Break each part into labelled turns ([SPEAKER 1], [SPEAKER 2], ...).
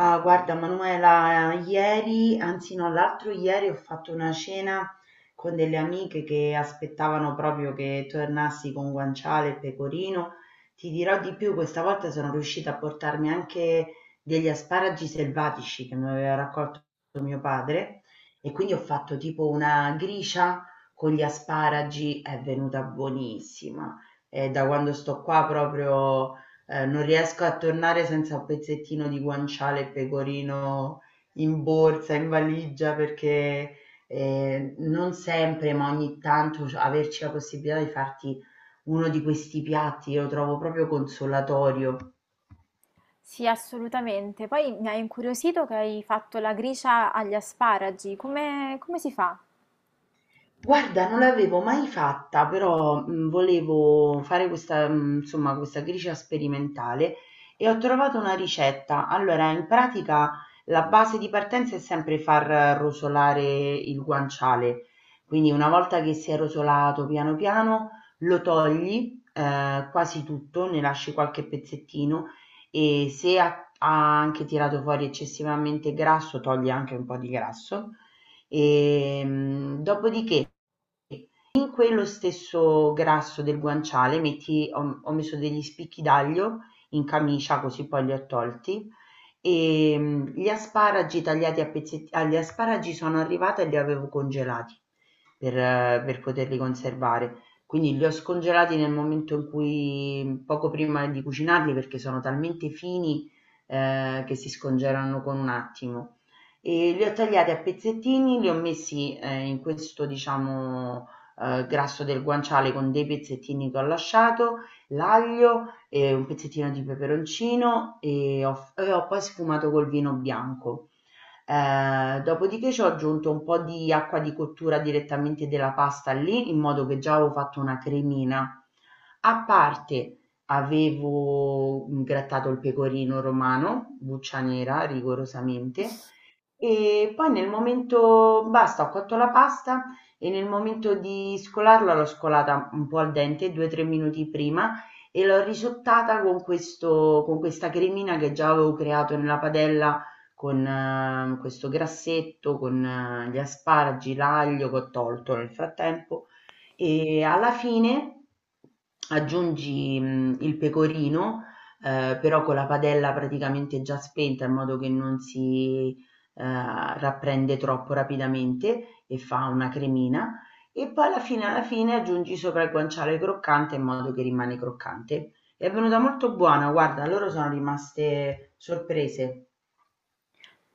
[SPEAKER 1] Ah, guarda, Manuela, ieri, anzi no, l'altro ieri ho fatto una cena con delle amiche che aspettavano proprio che tornassi con guanciale e pecorino. Ti dirò di più, questa volta sono riuscita a portarmi anche degli asparagi selvatici che mi aveva raccolto mio padre e quindi ho fatto tipo una gricia con gli asparagi, è venuta buonissima. E da quando sto qua proprio non riesco a tornare senza un pezzettino di guanciale e pecorino in borsa, in valigia, perché non sempre, ma ogni tanto averci la possibilità di farti uno di questi piatti, io lo trovo proprio consolatorio.
[SPEAKER 2] Sì, assolutamente. Poi mi ha incuriosito che hai fatto la gricia agli asparagi. Come si fa?
[SPEAKER 1] Guarda, non l'avevo mai fatta, però, volevo fare questa insomma, questa gricia sperimentale e ho trovato una ricetta. Allora, in pratica la base di partenza è sempre far rosolare il guanciale, quindi una volta che si è rosolato piano piano lo togli, quasi tutto, ne lasci qualche pezzettino e se ha anche tirato fuori eccessivamente grasso, togli anche un po' di grasso. Dopodiché in quello stesso grasso del guanciale metti ho ho messo degli spicchi d'aglio in camicia, così poi li ho tolti, gli asparagi tagliati a pezzetti agli asparagi sono arrivata e li avevo congelati per poterli conservare. Quindi li ho scongelati nel momento in cui poco prima di cucinarli, perché sono talmente fini, che si scongelano con un attimo. E li ho tagliati a pezzettini, li ho messi, in questo diciamo grasso del guanciale con dei pezzettini che ho lasciato, l'aglio, e un pezzettino di peperoncino e ho poi sfumato col vino bianco. Dopodiché ci ho aggiunto un po' di acqua di cottura direttamente della pasta lì, in modo che già avevo fatto una cremina. A parte avevo grattato il pecorino romano, buccia nera rigorosamente, e poi nel momento, basta, ho cotto la pasta e nel momento di scolarla l'ho scolata un po' al dente, 2-3 minuti prima, e l'ho risottata con questo, con questa cremina che già avevo creato nella padella con questo grassetto, con gli asparagi, l'aglio che ho tolto nel frattempo. E alla fine aggiungi il pecorino, però con la padella praticamente già spenta in modo che non si eh, rapprende troppo rapidamente e fa una cremina e poi alla fine aggiungi sopra il guanciale croccante in modo che rimane croccante. È venuta molto buona, guarda, loro sono rimaste sorprese.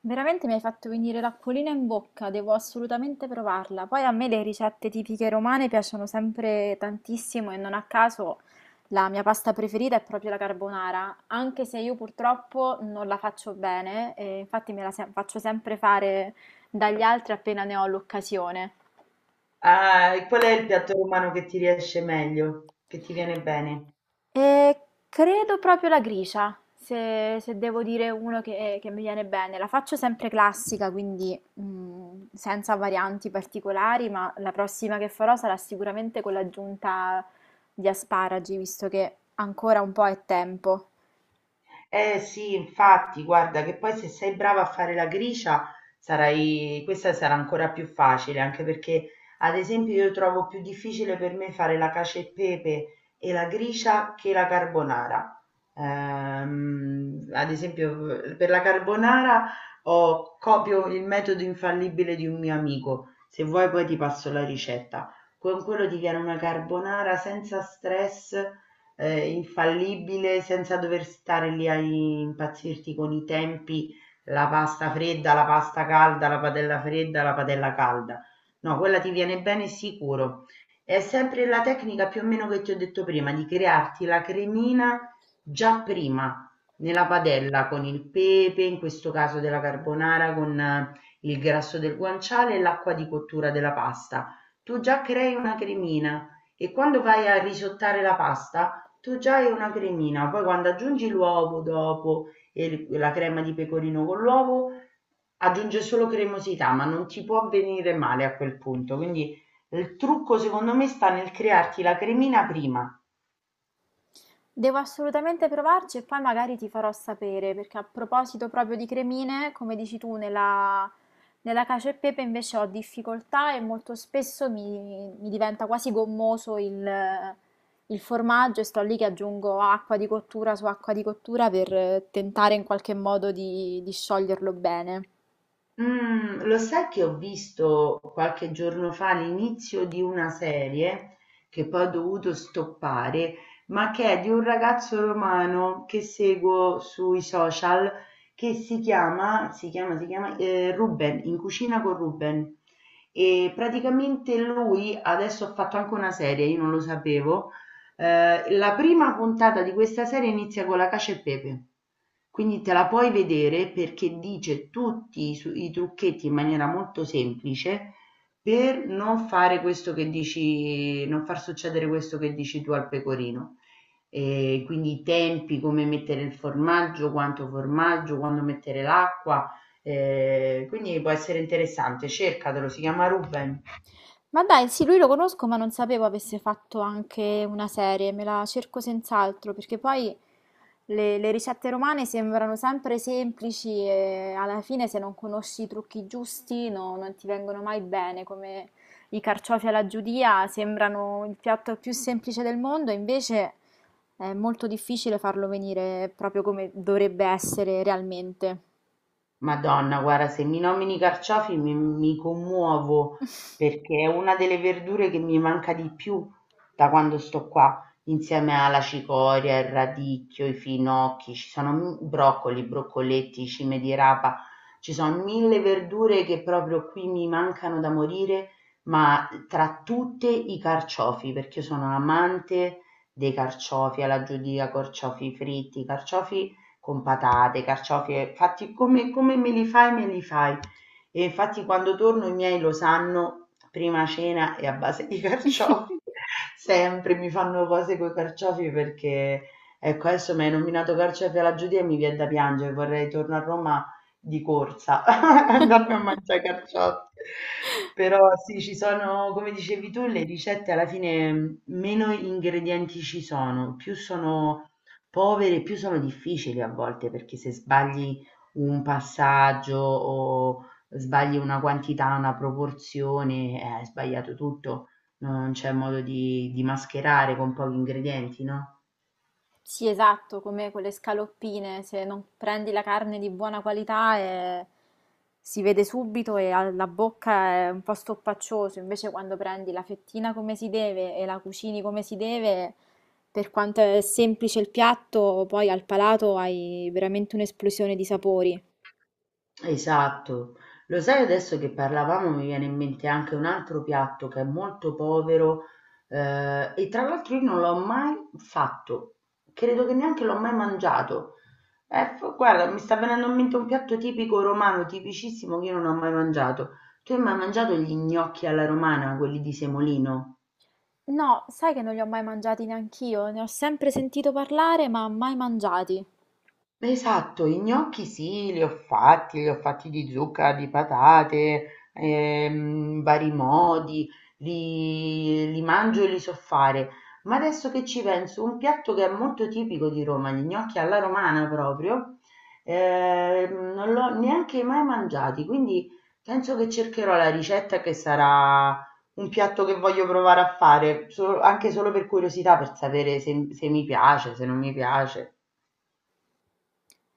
[SPEAKER 2] Veramente mi hai fatto venire l'acquolina in bocca, devo assolutamente provarla. Poi a me le ricette tipiche romane piacciono sempre tantissimo e non a caso la mia pasta preferita è proprio la carbonara, anche se io purtroppo non la faccio bene, e infatti me la se- faccio sempre fare dagli altri appena ne ho l'occasione.
[SPEAKER 1] Ah, e qual è il piatto romano che ti riesce meglio, che ti viene bene?
[SPEAKER 2] Eh, credo proprio la grigia, se devo dire uno che mi viene bene. La faccio sempre classica, quindi senza varianti particolari, ma la prossima che farò sarà sicuramente con l'aggiunta di asparagi, visto che ancora un po' è tempo.
[SPEAKER 1] Eh sì, infatti, guarda che poi se sei brava a fare la gricia, sarai... questa sarà ancora più facile, anche perché ad esempio io trovo più difficile per me fare la cacio e pepe e la gricia che la carbonara. Ad esempio per la carbonara copio il metodo infallibile di un mio amico, se vuoi poi ti passo la ricetta. Con quello ti viene una carbonara senza stress, infallibile, senza dover stare lì a impazzirti con i tempi, la pasta fredda, la pasta calda, la padella fredda, la padella calda. No, quella ti viene bene sicuro. È sempre la tecnica più o meno che ti ho detto prima, di crearti la cremina già prima nella padella con il pepe, in questo caso della carbonara, con il grasso del guanciale e l'acqua di cottura della pasta. Tu già crei una cremina e quando vai a risottare la pasta, tu già hai una cremina, poi quando aggiungi l'uovo dopo e la crema di pecorino con l'uovo, aggiunge solo cremosità, ma non ti può venire male a quel punto. Quindi il trucco secondo me sta nel crearti la cremina prima.
[SPEAKER 2] Devo assolutamente provarci e poi magari ti farò sapere, perché a proposito proprio di cremine, come dici tu, nella cacio e pepe invece ho difficoltà e molto spesso mi diventa quasi gommoso il formaggio e sto lì che aggiungo acqua di cottura su acqua di cottura per tentare in qualche modo di scioglierlo bene.
[SPEAKER 1] Mhmm, Lo sai che ho visto qualche giorno fa l'inizio di una serie, che poi ho dovuto stoppare, ma che è di un ragazzo romano che seguo sui social, che si chiama Ruben, In cucina con Ruben. E praticamente lui adesso ha fatto anche una serie, io non lo sapevo, la prima puntata di questa serie inizia con la cace e pepe. Quindi te la puoi vedere perché dice tutti i trucchetti in maniera molto semplice per non fare questo che dici, non far succedere questo che dici tu al pecorino. E quindi i tempi, come mettere il formaggio, quanto formaggio, quando mettere l'acqua. Quindi può essere interessante, cercatelo, si chiama Ruben.
[SPEAKER 2] Ma dai, sì, lui lo conosco, ma non sapevo avesse fatto anche una serie, me la cerco senz'altro, perché poi le ricette romane sembrano sempre semplici e alla fine se non conosci i trucchi giusti non ti vengono mai bene, come i carciofi alla giudia sembrano il piatto più semplice del mondo, invece è molto difficile farlo venire proprio come dovrebbe essere realmente.
[SPEAKER 1] Madonna, guarda, se mi nomini i carciofi mi commuovo perché è una delle verdure che mi manca di più da quando sto qua, insieme alla cicoria, il radicchio, i finocchi, ci sono broccoli, broccoletti, cime di rapa, ci sono mille verdure che proprio qui mi mancano da morire, ma tra tutte i carciofi, perché io sono amante dei carciofi alla giudica, carciofi fritti, carciofi con patate, carciofi, fatti come, me li fai, me li fai. E infatti quando torno i miei lo sanno, prima cena è a base di carciofi, sempre mi fanno cose con i carciofi perché, ecco, adesso mi hai nominato carciofi alla Giudia e mi viene da piangere, vorrei tornare a Roma di corsa, andarmi a mangiare carciofi. Però sì, ci sono, come dicevi tu, le ricette alla fine, meno ingredienti ci sono, più sono povere, più sono difficili a volte, perché se sbagli un passaggio o sbagli una quantità, una proporzione, hai sbagliato tutto, non c'è modo di mascherare con pochi ingredienti, no?
[SPEAKER 2] Sì, esatto, come quelle scaloppine, se non prendi la carne di buona qualità si vede subito e alla bocca è un po' stoppaccioso, invece quando prendi la fettina come si deve e la cucini come si deve, per quanto è semplice il piatto, poi al palato hai veramente un'esplosione di sapori.
[SPEAKER 1] Esatto. Lo sai adesso che parlavamo mi viene in mente anche un altro piatto che è molto povero, e tra l'altro io non l'ho mai fatto, credo che neanche l'ho mai mangiato. F guarda, mi sta venendo in mente un piatto tipico romano, tipicissimo, che io non ho mai mangiato. Tu hai mai mangiato gli gnocchi alla romana, quelli di semolino?
[SPEAKER 2] No, sai che non li ho mai mangiati neanch'io, ne ho sempre sentito parlare, ma mai mangiati.
[SPEAKER 1] Esatto, i gnocchi sì, li ho fatti di zucca, di patate, vari modi, li mangio e li so fare. Ma adesso che ci penso, un piatto che è molto tipico di Roma, gli gnocchi alla romana proprio, non l'ho neanche mai mangiati, quindi penso che cercherò la ricetta che sarà un piatto che voglio provare a fare, anche solo per curiosità, per sapere se se mi piace, se non mi piace.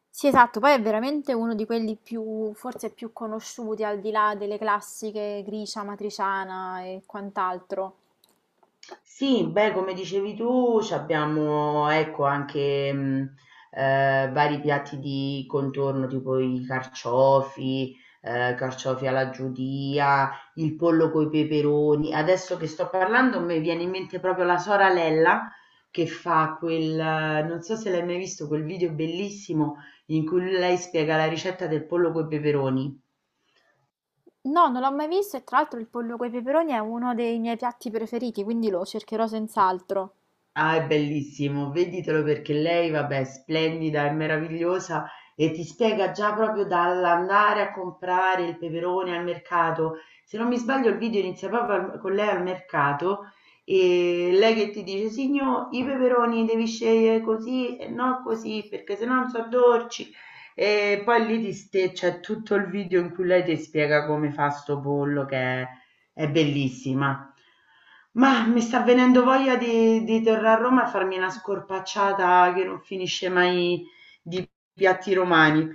[SPEAKER 2] Sì, esatto, poi è veramente uno di quelli più, forse più conosciuti al di là delle classiche gricia, matriciana e quant'altro.
[SPEAKER 1] Sì, beh, come dicevi tu, c'abbiamo ecco anche vari piatti di contorno, tipo i carciofi, carciofi alla giudia, il pollo coi peperoni. Adesso che sto parlando, mi viene in mente proprio la soralella che fa quel, non so se l'hai mai visto, quel video bellissimo in cui lei spiega la ricetta del pollo coi peperoni.
[SPEAKER 2] No, non l'ho mai visto e tra l'altro il pollo coi peperoni è uno dei miei piatti preferiti, quindi lo cercherò senz'altro.
[SPEAKER 1] Ah, è bellissimo, veditelo perché lei, vabbè, è splendida, è meravigliosa e ti spiega già proprio dall'andare a comprare il peperone al mercato. Se non mi sbaglio, il video inizia proprio con lei al mercato e lei che ti dice: Signor, i peperoni devi scegliere così e non così perché se no non so dolci. E poi lì c'è tutto il video in cui lei ti spiega come fa sto pollo che è bellissima. Mah, mi sta venendo voglia di tornare a Roma e farmi una scorpacciata che non finisce mai di piatti romani.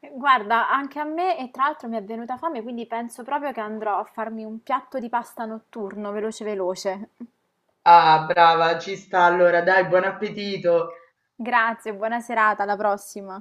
[SPEAKER 2] Guarda, anche a me e tra l'altro mi è venuta fame, quindi penso proprio che andrò a farmi un piatto di pasta notturno, veloce veloce.
[SPEAKER 1] Ah, brava, ci sta allora, dai, buon appetito!
[SPEAKER 2] Grazie, buona serata, alla prossima.